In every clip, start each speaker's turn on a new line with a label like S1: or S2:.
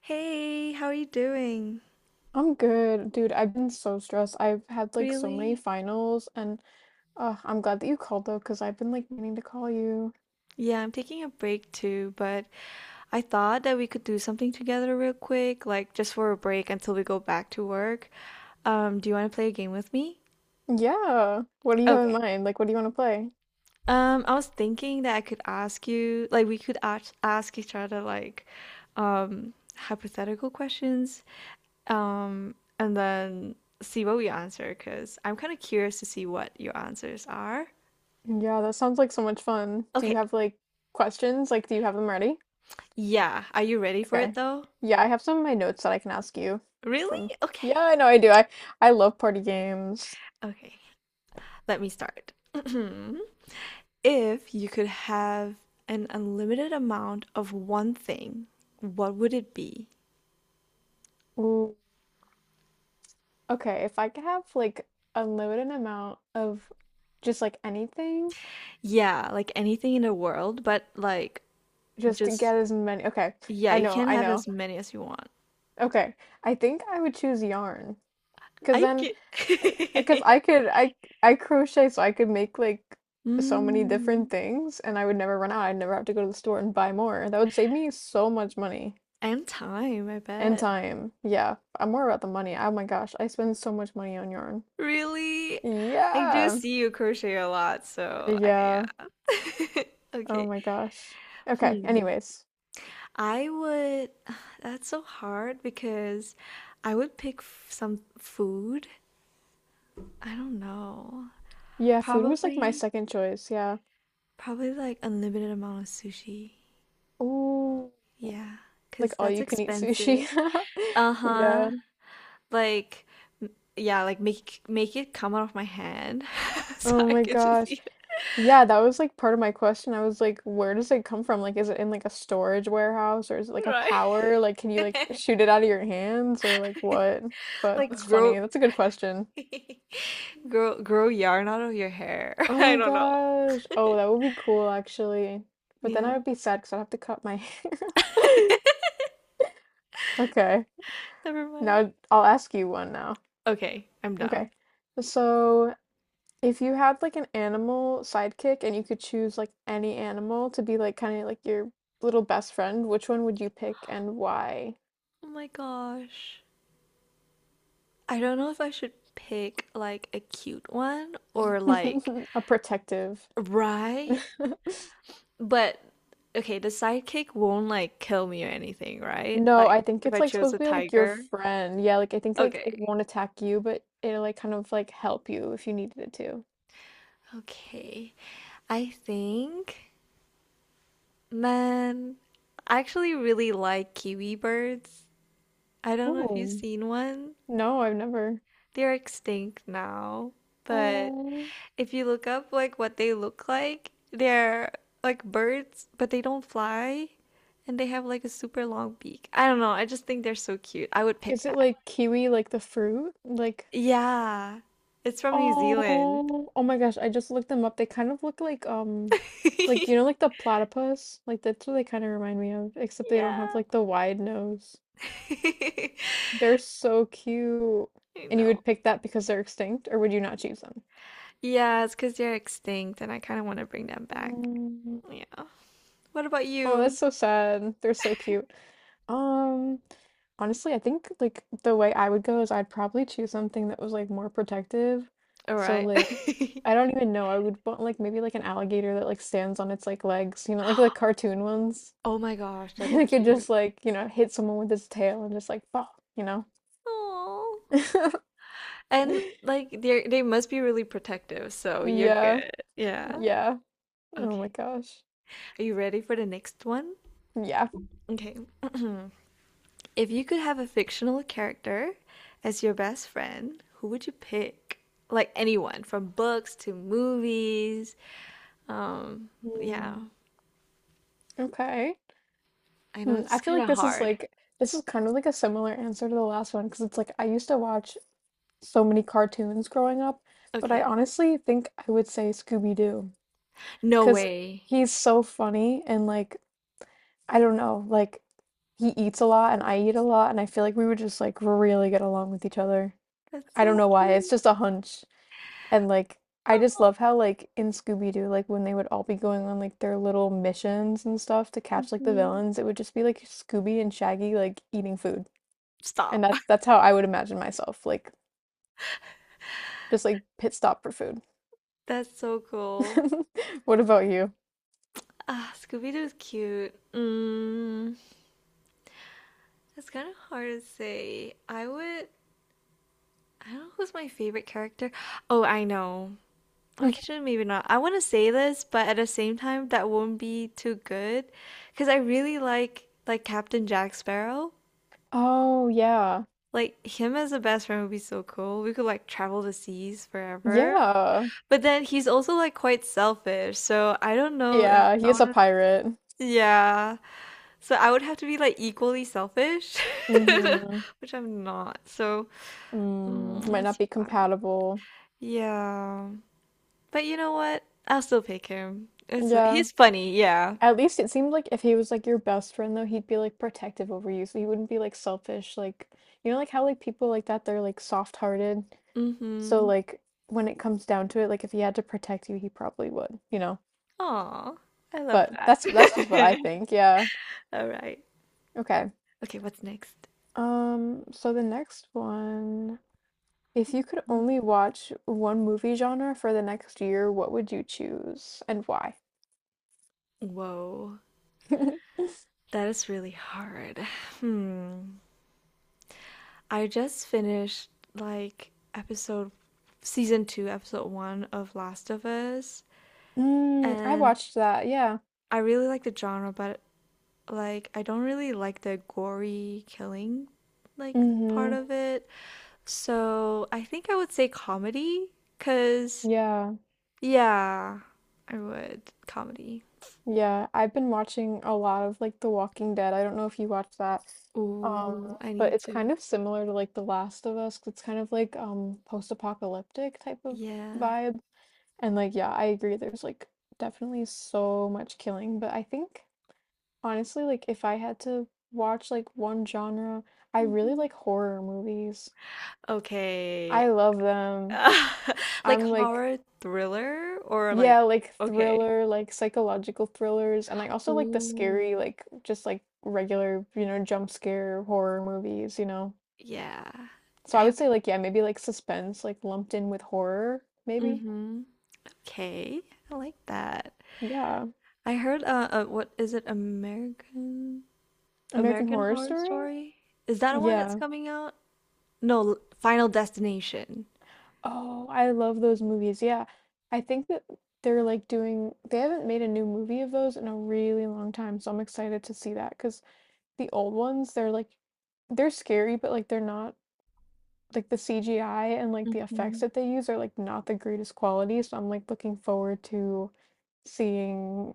S1: Hey, how are you doing?
S2: I'm good, dude. I've been so stressed. I've had like so many
S1: Really?
S2: finals, and I'm glad that you called though, because I've been like meaning to call you.
S1: Yeah, I'm taking a break too, but I thought that we could do something together real quick, like just for a break until we go back to work. Do you want to play a game with me?
S2: Yeah. What do you have in
S1: Okay.
S2: mind? Like, what do you want to play?
S1: I was thinking that I could ask you, like we could ask each other like hypothetical questions, and then see what we answer, 'cause I'm kind of curious to see what your answers are.
S2: Yeah, that sounds like so much fun. Do you
S1: Okay.
S2: have like questions? Like, do you have them ready?
S1: Yeah, are you ready for it
S2: Okay.
S1: though?
S2: Yeah, I have some of my notes that I can ask you
S1: Really?
S2: from. Yeah,
S1: Okay.
S2: I know I do. I love party games.
S1: Okay. Let me start. If you could have an unlimited amount of one thing, what would it be?
S2: Ooh. Okay, if I could have like unlimited amount of just like anything,
S1: Yeah, like anything in the world, but like
S2: just to
S1: just,
S2: get as many. Okay.
S1: yeah,
S2: I
S1: you
S2: know,
S1: can
S2: I
S1: have
S2: know.
S1: as many as you want.
S2: Okay. I think I would choose yarn because
S1: I
S2: then
S1: get.
S2: because I could I I crochet so I could make like so many different
S1: Mm,
S2: things and I would never run out. I'd never have to go to the store and buy more. That would save me so much money
S1: and time, I
S2: and
S1: bet.
S2: time. Yeah, I'm more about the money. Oh my gosh, I spend so much money on yarn.
S1: Really? I do
S2: Yeah.
S1: see you crochet a lot, so I,
S2: Yeah.
S1: yeah.
S2: Oh
S1: Okay.
S2: my gosh. Okay,
S1: Hmm.
S2: anyways.
S1: I would, that's so hard because I would pick f some food. I don't know.
S2: Yeah, food was like my
S1: Probably,
S2: second choice. Yeah.
S1: probably like unlimited amount of sushi.
S2: Ooh,
S1: Yeah,
S2: like
S1: because
S2: all
S1: that's
S2: you can eat
S1: expensive.
S2: sushi.
S1: Uh-huh.
S2: Yeah.
S1: Like, yeah, like make it come out of my hand so
S2: Oh
S1: I
S2: my
S1: could just
S2: gosh.
S1: eat
S2: Yeah, that was like part of my question. I was like, where does it come from? Like, is it in like a storage warehouse or is it like
S1: it.
S2: a power? Like, can you like
S1: Right.
S2: shoot it out of your hands or like what? But
S1: Like
S2: that's
S1: grow
S2: funny. That's a good question.
S1: grow yarn out of your hair.
S2: Oh
S1: I
S2: my
S1: don't know.
S2: gosh. Oh, that would be cool actually. But then
S1: Yeah.
S2: I would be sad because I'd have to cut my hair. Okay.
S1: Never mind.
S2: Now I'll ask you one now.
S1: Okay, I'm
S2: Okay.
S1: done.
S2: So, if you had like an animal sidekick and you could choose like any animal to be like kind of like your little best friend, which one would you pick and why?
S1: Oh my gosh. I don't know if I should pick like a cute one or like
S2: A protective.
S1: right, but okay, the sidekick won't like kill me or anything, right?
S2: No,
S1: Like
S2: I think
S1: if
S2: it's
S1: I
S2: like
S1: chose
S2: supposed
S1: a
S2: to be like your
S1: tiger.
S2: friend. Yeah, like I think like
S1: Okay.
S2: it won't attack you, but it'll like kind of like help you if you needed it to.
S1: Okay. I think, man, I actually really like kiwi birds. I don't know if you've
S2: Oh.
S1: seen one.
S2: No, I've never.
S1: They're extinct now, but
S2: Oh.
S1: if you look up like what they look like, they're like birds, but they don't fly and they have like a super long beak. I don't know, I just think they're so cute. I would pick
S2: Is it
S1: that.
S2: like kiwi, like the fruit? Like
S1: Yeah. It's from New Zealand.
S2: oh, oh my gosh, I just looked them up. They kind of look like you know like the platypus? Like that's what they kind of remind me of, except they don't have
S1: Yeah.
S2: like the wide nose.
S1: I
S2: They're so cute. And you
S1: know.
S2: would pick that because they're extinct, or would you not choose them?
S1: Yeah, it's because they're extinct and I kind of want to bring them back.
S2: Oh,
S1: Yeah. What about
S2: oh, that's
S1: you?
S2: so sad. They're so cute. Um, Honestly, I think like the way I would go is I'd probably choose something that was like more protective.
S1: All
S2: So
S1: right.
S2: like I don't even know. I would want like maybe like an alligator that like stands on its like legs, you know, like the cartoon ones.
S1: Oh my gosh, that'd
S2: And
S1: be
S2: it could
S1: cute.
S2: just like, you know, hit someone with its tail and just like fall, you know.
S1: Oh. And like they must be really protective, so you're
S2: Yeah.
S1: good. Yeah.
S2: Yeah. Oh my
S1: Okay.
S2: gosh.
S1: Are you ready for the next one?
S2: Yeah.
S1: Okay. If you could have a fictional character as your best friend, who would you pick? Like anyone, from books to movies. Um,
S2: Hmm.
S1: yeah.
S2: Okay.
S1: I know
S2: Hmm.
S1: this
S2: I
S1: is
S2: feel
S1: kind of hard.
S2: like this is kind of like a similar answer to the last one because it's like I used to watch so many cartoons growing up, but I
S1: Okay.
S2: honestly think I would say Scooby-Doo
S1: No
S2: because
S1: way.
S2: he's so funny and like I don't know, like he eats a lot and I eat a lot and I feel like we would just like really get along with each other.
S1: That's
S2: I don't
S1: so
S2: know why, it's
S1: cute.
S2: just a hunch. And like I just
S1: Aw.
S2: love how like in Scooby-Doo, like when they would all be going on like their little missions and stuff to catch like the
S1: Mhm.
S2: villains, it would just be like Scooby and Shaggy like eating food. And
S1: Stop.
S2: that's how I would imagine myself, like just like pit stop for food.
S1: That's so cool.
S2: What about you?
S1: Ah, Scooby-Doo's cute. Mm. It's kind of hard to say. I would. I don't know who's my favorite character. Oh, I know. Okay, maybe not. I want to say this, but at the same time, that won't be too good, because I really like Captain Jack Sparrow.
S2: Oh, yeah.
S1: Like him as a best friend would be so cool. We could like travel the seas forever.
S2: Yeah.
S1: But then he's also like quite selfish, so I don't know if
S2: Yeah,
S1: I
S2: he's
S1: want
S2: a
S1: to.
S2: pirate.
S1: Yeah. So I would have to be like equally selfish,
S2: Mm-hmm.
S1: which I'm not. So
S2: Mm,
S1: mm,
S2: might not
S1: it's
S2: be
S1: hard.
S2: compatible.
S1: Yeah. But you know what? I'll still pick him. It's
S2: Yeah.
S1: he's funny, yeah.
S2: At least it seemed like if he was like your best friend though, he'd be like protective over you, so he wouldn't be like selfish. Like you know, like how like people like that, they're like soft-hearted. So
S1: Mm-hmm.
S2: like when it comes down to it, like if he had to protect you, he probably would, you know.
S1: Aw, I love
S2: But
S1: that.
S2: that's just what I think. Yeah.
S1: All right.
S2: Okay.
S1: Okay, what's next?
S2: So the next one. If you could only watch one movie genre for the next year, what would you choose and why?
S1: Whoa, that is really hard. Hmm. I just finished like episode season two, episode one of Last of Us,
S2: Mm, I
S1: and
S2: watched that, yeah.
S1: I really like the genre, but like I don't really like the gory killing like part
S2: Mhm.
S1: of it. So I think I would say comedy, cause
S2: Yeah.
S1: yeah, I would comedy.
S2: Yeah, I've been watching a lot of like The Walking Dead. I don't know if you watched that. Um,
S1: Ooh, I
S2: but
S1: need
S2: it's
S1: to.
S2: kind of similar to like The Last of Us. 'Cause it's kind of like post-apocalyptic type of
S1: Yeah.
S2: vibe. And like yeah, I agree there's like definitely so much killing, but I think honestly, like if I had to watch like one genre, I really
S1: Hmm.
S2: like horror movies.
S1: Okay.
S2: I love them.
S1: Like
S2: I'm like,
S1: horror thriller or like
S2: yeah, like
S1: okay.
S2: thriller, like psychological thrillers, and I also like the
S1: Ooh,
S2: scary, like just like regular, you know, jump scare horror movies, you know.
S1: yeah.
S2: So I would
S1: Have
S2: say like yeah, maybe like suspense, like lumped in with horror, maybe.
S1: mm-hmm. Okay, I like that.
S2: Yeah.
S1: I heard what is it American
S2: American
S1: American
S2: Horror
S1: Horror
S2: Story?
S1: Story? Is that one that's
S2: Yeah.
S1: coming out? No, L- Final Destination.
S2: Oh, I love those movies. Yeah. I think that they're like doing, they haven't made a new movie of those in a really long time. So I'm excited to see that because the old ones, they're like, they're scary, but like they're not like the CGI and like the effects
S1: Mhm.
S2: that they use are like not the greatest quality. So I'm like looking forward to seeing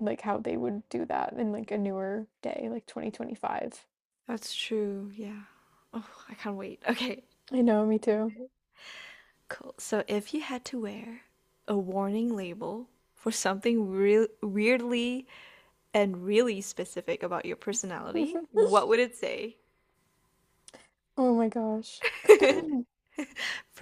S2: like how they would do that in like a newer day, like 2025.
S1: That's true, yeah. Oh, I can't wait. Okay.
S2: I know, me too.
S1: Excited. Cool. So if you had to wear a warning label for something real weirdly and really specific about your personality, what would it say?
S2: Oh my gosh.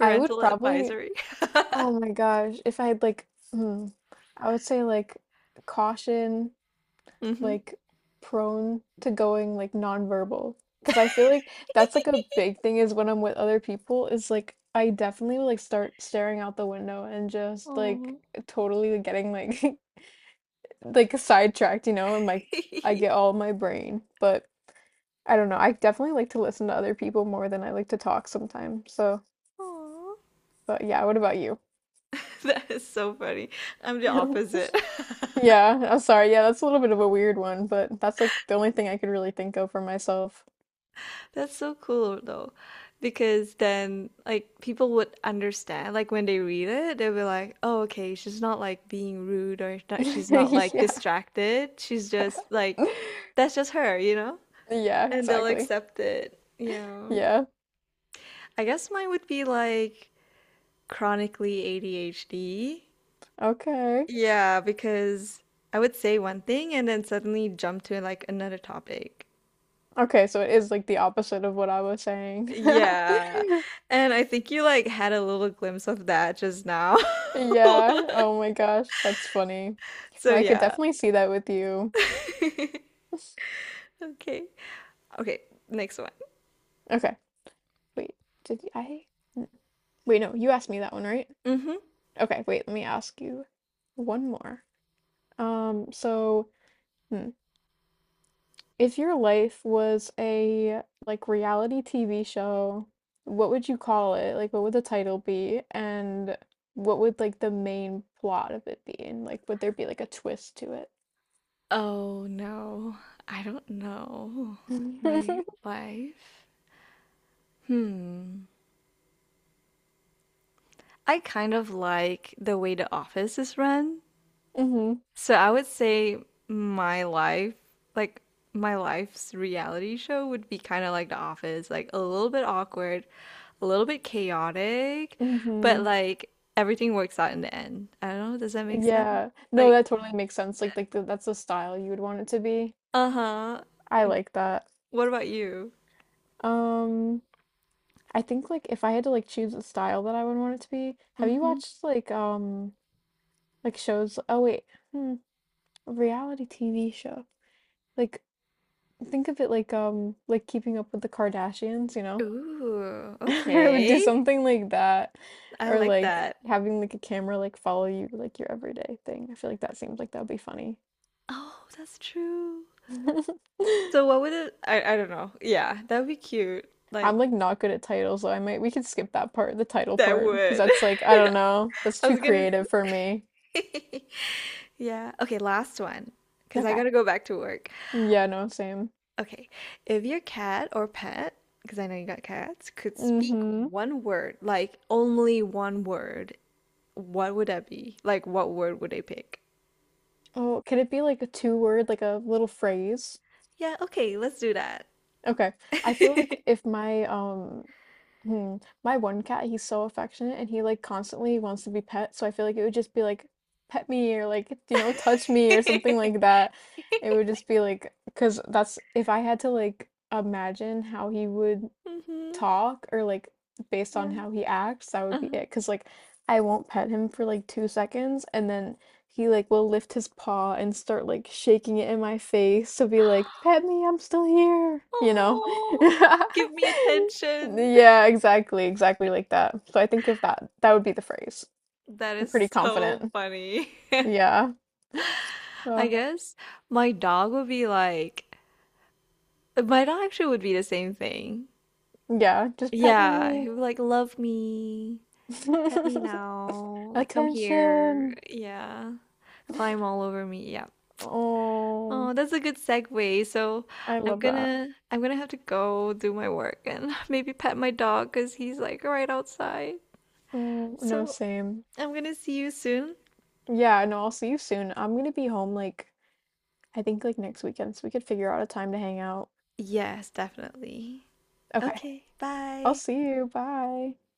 S2: I would probably
S1: advisory.
S2: oh my gosh. If I had like, hmm, I would say like caution,
S1: Hmm.
S2: like prone to going like nonverbal. Because I feel like that's like a big thing is when I'm with other people, is like I definitely would like start staring out the window and just like
S1: Aw.
S2: totally getting like like sidetracked, you know, and like I get all my brain. But I don't know. I definitely like to listen to other people more than I like to talk sometimes. So,
S1: Aw.
S2: but yeah, what about you?
S1: That is so funny. I'm the opposite.
S2: Yeah, I'm sorry. Yeah, that's a little bit of a weird one, but that's like the only thing I could really think of for myself.
S1: That's so cool though, because then like people would understand. Like when they read it, they'll be like, "Oh, okay, she's not like being rude or not, she's not like
S2: Yeah.
S1: distracted. She's just like that's just her, you know?"
S2: Yeah,
S1: And they'll
S2: exactly.
S1: accept it. Yeah.
S2: Yeah.
S1: I guess mine would be like chronically ADHD.
S2: Okay.
S1: Yeah, because I would say one thing and then suddenly jump to like another topic.
S2: Okay, so it is like the opposite of what I was saying.
S1: Yeah. And I think you like had a little glimpse of that just now.
S2: Yeah. Oh my gosh, that's funny.
S1: So
S2: No, I could
S1: yeah.
S2: definitely see that with you.
S1: Okay. Okay, next one.
S2: Okay. Wait. Did I? n- Wait, no, you asked me that one, right?
S1: Hmm.
S2: Okay, wait, let me ask you one more. Um, so, hmm. If your life was a like reality TV show, what would you call it? Like what would the title be? And what would like the main plot of it be? And like would there be like a twist to it?
S1: Oh no. I don't know. My life. Hmm. I kind of like the way the office is run.
S2: Mm-hmm.
S1: So I would say my life, like my life's reality show would be kind of like The Office, like a little bit awkward, a little bit chaotic, but
S2: Mm-hmm.
S1: like everything works out in the end. I don't know, does that make sense?
S2: Yeah. No,
S1: Like,
S2: that totally makes sense. Like the, that's the style you would want it to be.
S1: uh-huh.
S2: I like that.
S1: What about you?
S2: Um I think like if I had to like choose a style that I would want it to be, have you
S1: Hmm.
S2: watched like shows? Oh wait. Hmm. Reality TV show. Like, think of it like keeping up with the Kardashians, you know?
S1: Ooh,
S2: I would do
S1: okay.
S2: something like that.
S1: I
S2: Or
S1: like
S2: like
S1: that.
S2: having like a camera like follow you like your everyday thing. I feel like that seems like that would be funny.
S1: Oh, that's true. So what would it I don't know. Yeah, that would be cute. Like
S2: I'm like not good at titles, so I might we could skip that part, the title
S1: that
S2: part, because
S1: would.
S2: that's like I don't know. That's
S1: I
S2: too
S1: was gonna
S2: creative for me.
S1: say. Yeah. Okay, last one. Because I
S2: Okay.
S1: gotta go back to work.
S2: Yeah, no, same.
S1: Okay, if your cat or pet, because I know you got cats, could speak
S2: Mm-hmm.
S1: one word, like only one word, what would that be? Like, what word would they pick?
S2: Oh, could it be like a two word, like a little phrase?
S1: Yeah, okay, let's do that.
S2: Okay. I feel like if my hmm, my one cat, he's so affectionate and he like constantly wants to be pet, so I feel like it would just be like pet me or like you know touch me or something like that. It would just be like because that's if I had to like imagine how he would
S1: Hmm.
S2: talk or like based on
S1: Yeah.
S2: how he acts, that would be
S1: Uh-huh.
S2: it. Cause like I won't pet him for like 2 seconds and then he like will lift his paw and start like shaking it in my face to be like, pet me, I'm still here, you know?
S1: Oh, give me attention.
S2: Yeah, exactly, exactly like that. So I think if that would be the phrase.
S1: That
S2: I'm pretty
S1: is so
S2: confident.
S1: funny.
S2: Yeah. Uh,
S1: I guess my dog would be like, my dog actually would be the same thing.
S2: yeah, just pet
S1: Yeah,
S2: me.
S1: he would like love me. Pet me now. Like, come here.
S2: Attention.
S1: Yeah. Climb all over me. Yeah.
S2: Oh,
S1: Oh, that's a good segue. So
S2: I
S1: I'm
S2: love that.
S1: gonna I'm gonna have to go do my work and maybe pet my dog because he's like right outside.
S2: Oh, no,
S1: So
S2: same.
S1: I'm gonna see you soon.
S2: Yeah, no, I'll see you soon. I'm gonna be home like I think like next weekend, so we could figure out a time to hang out.
S1: Yes, definitely.
S2: Okay.
S1: Okay,
S2: I'll
S1: bye.
S2: see you. Bye.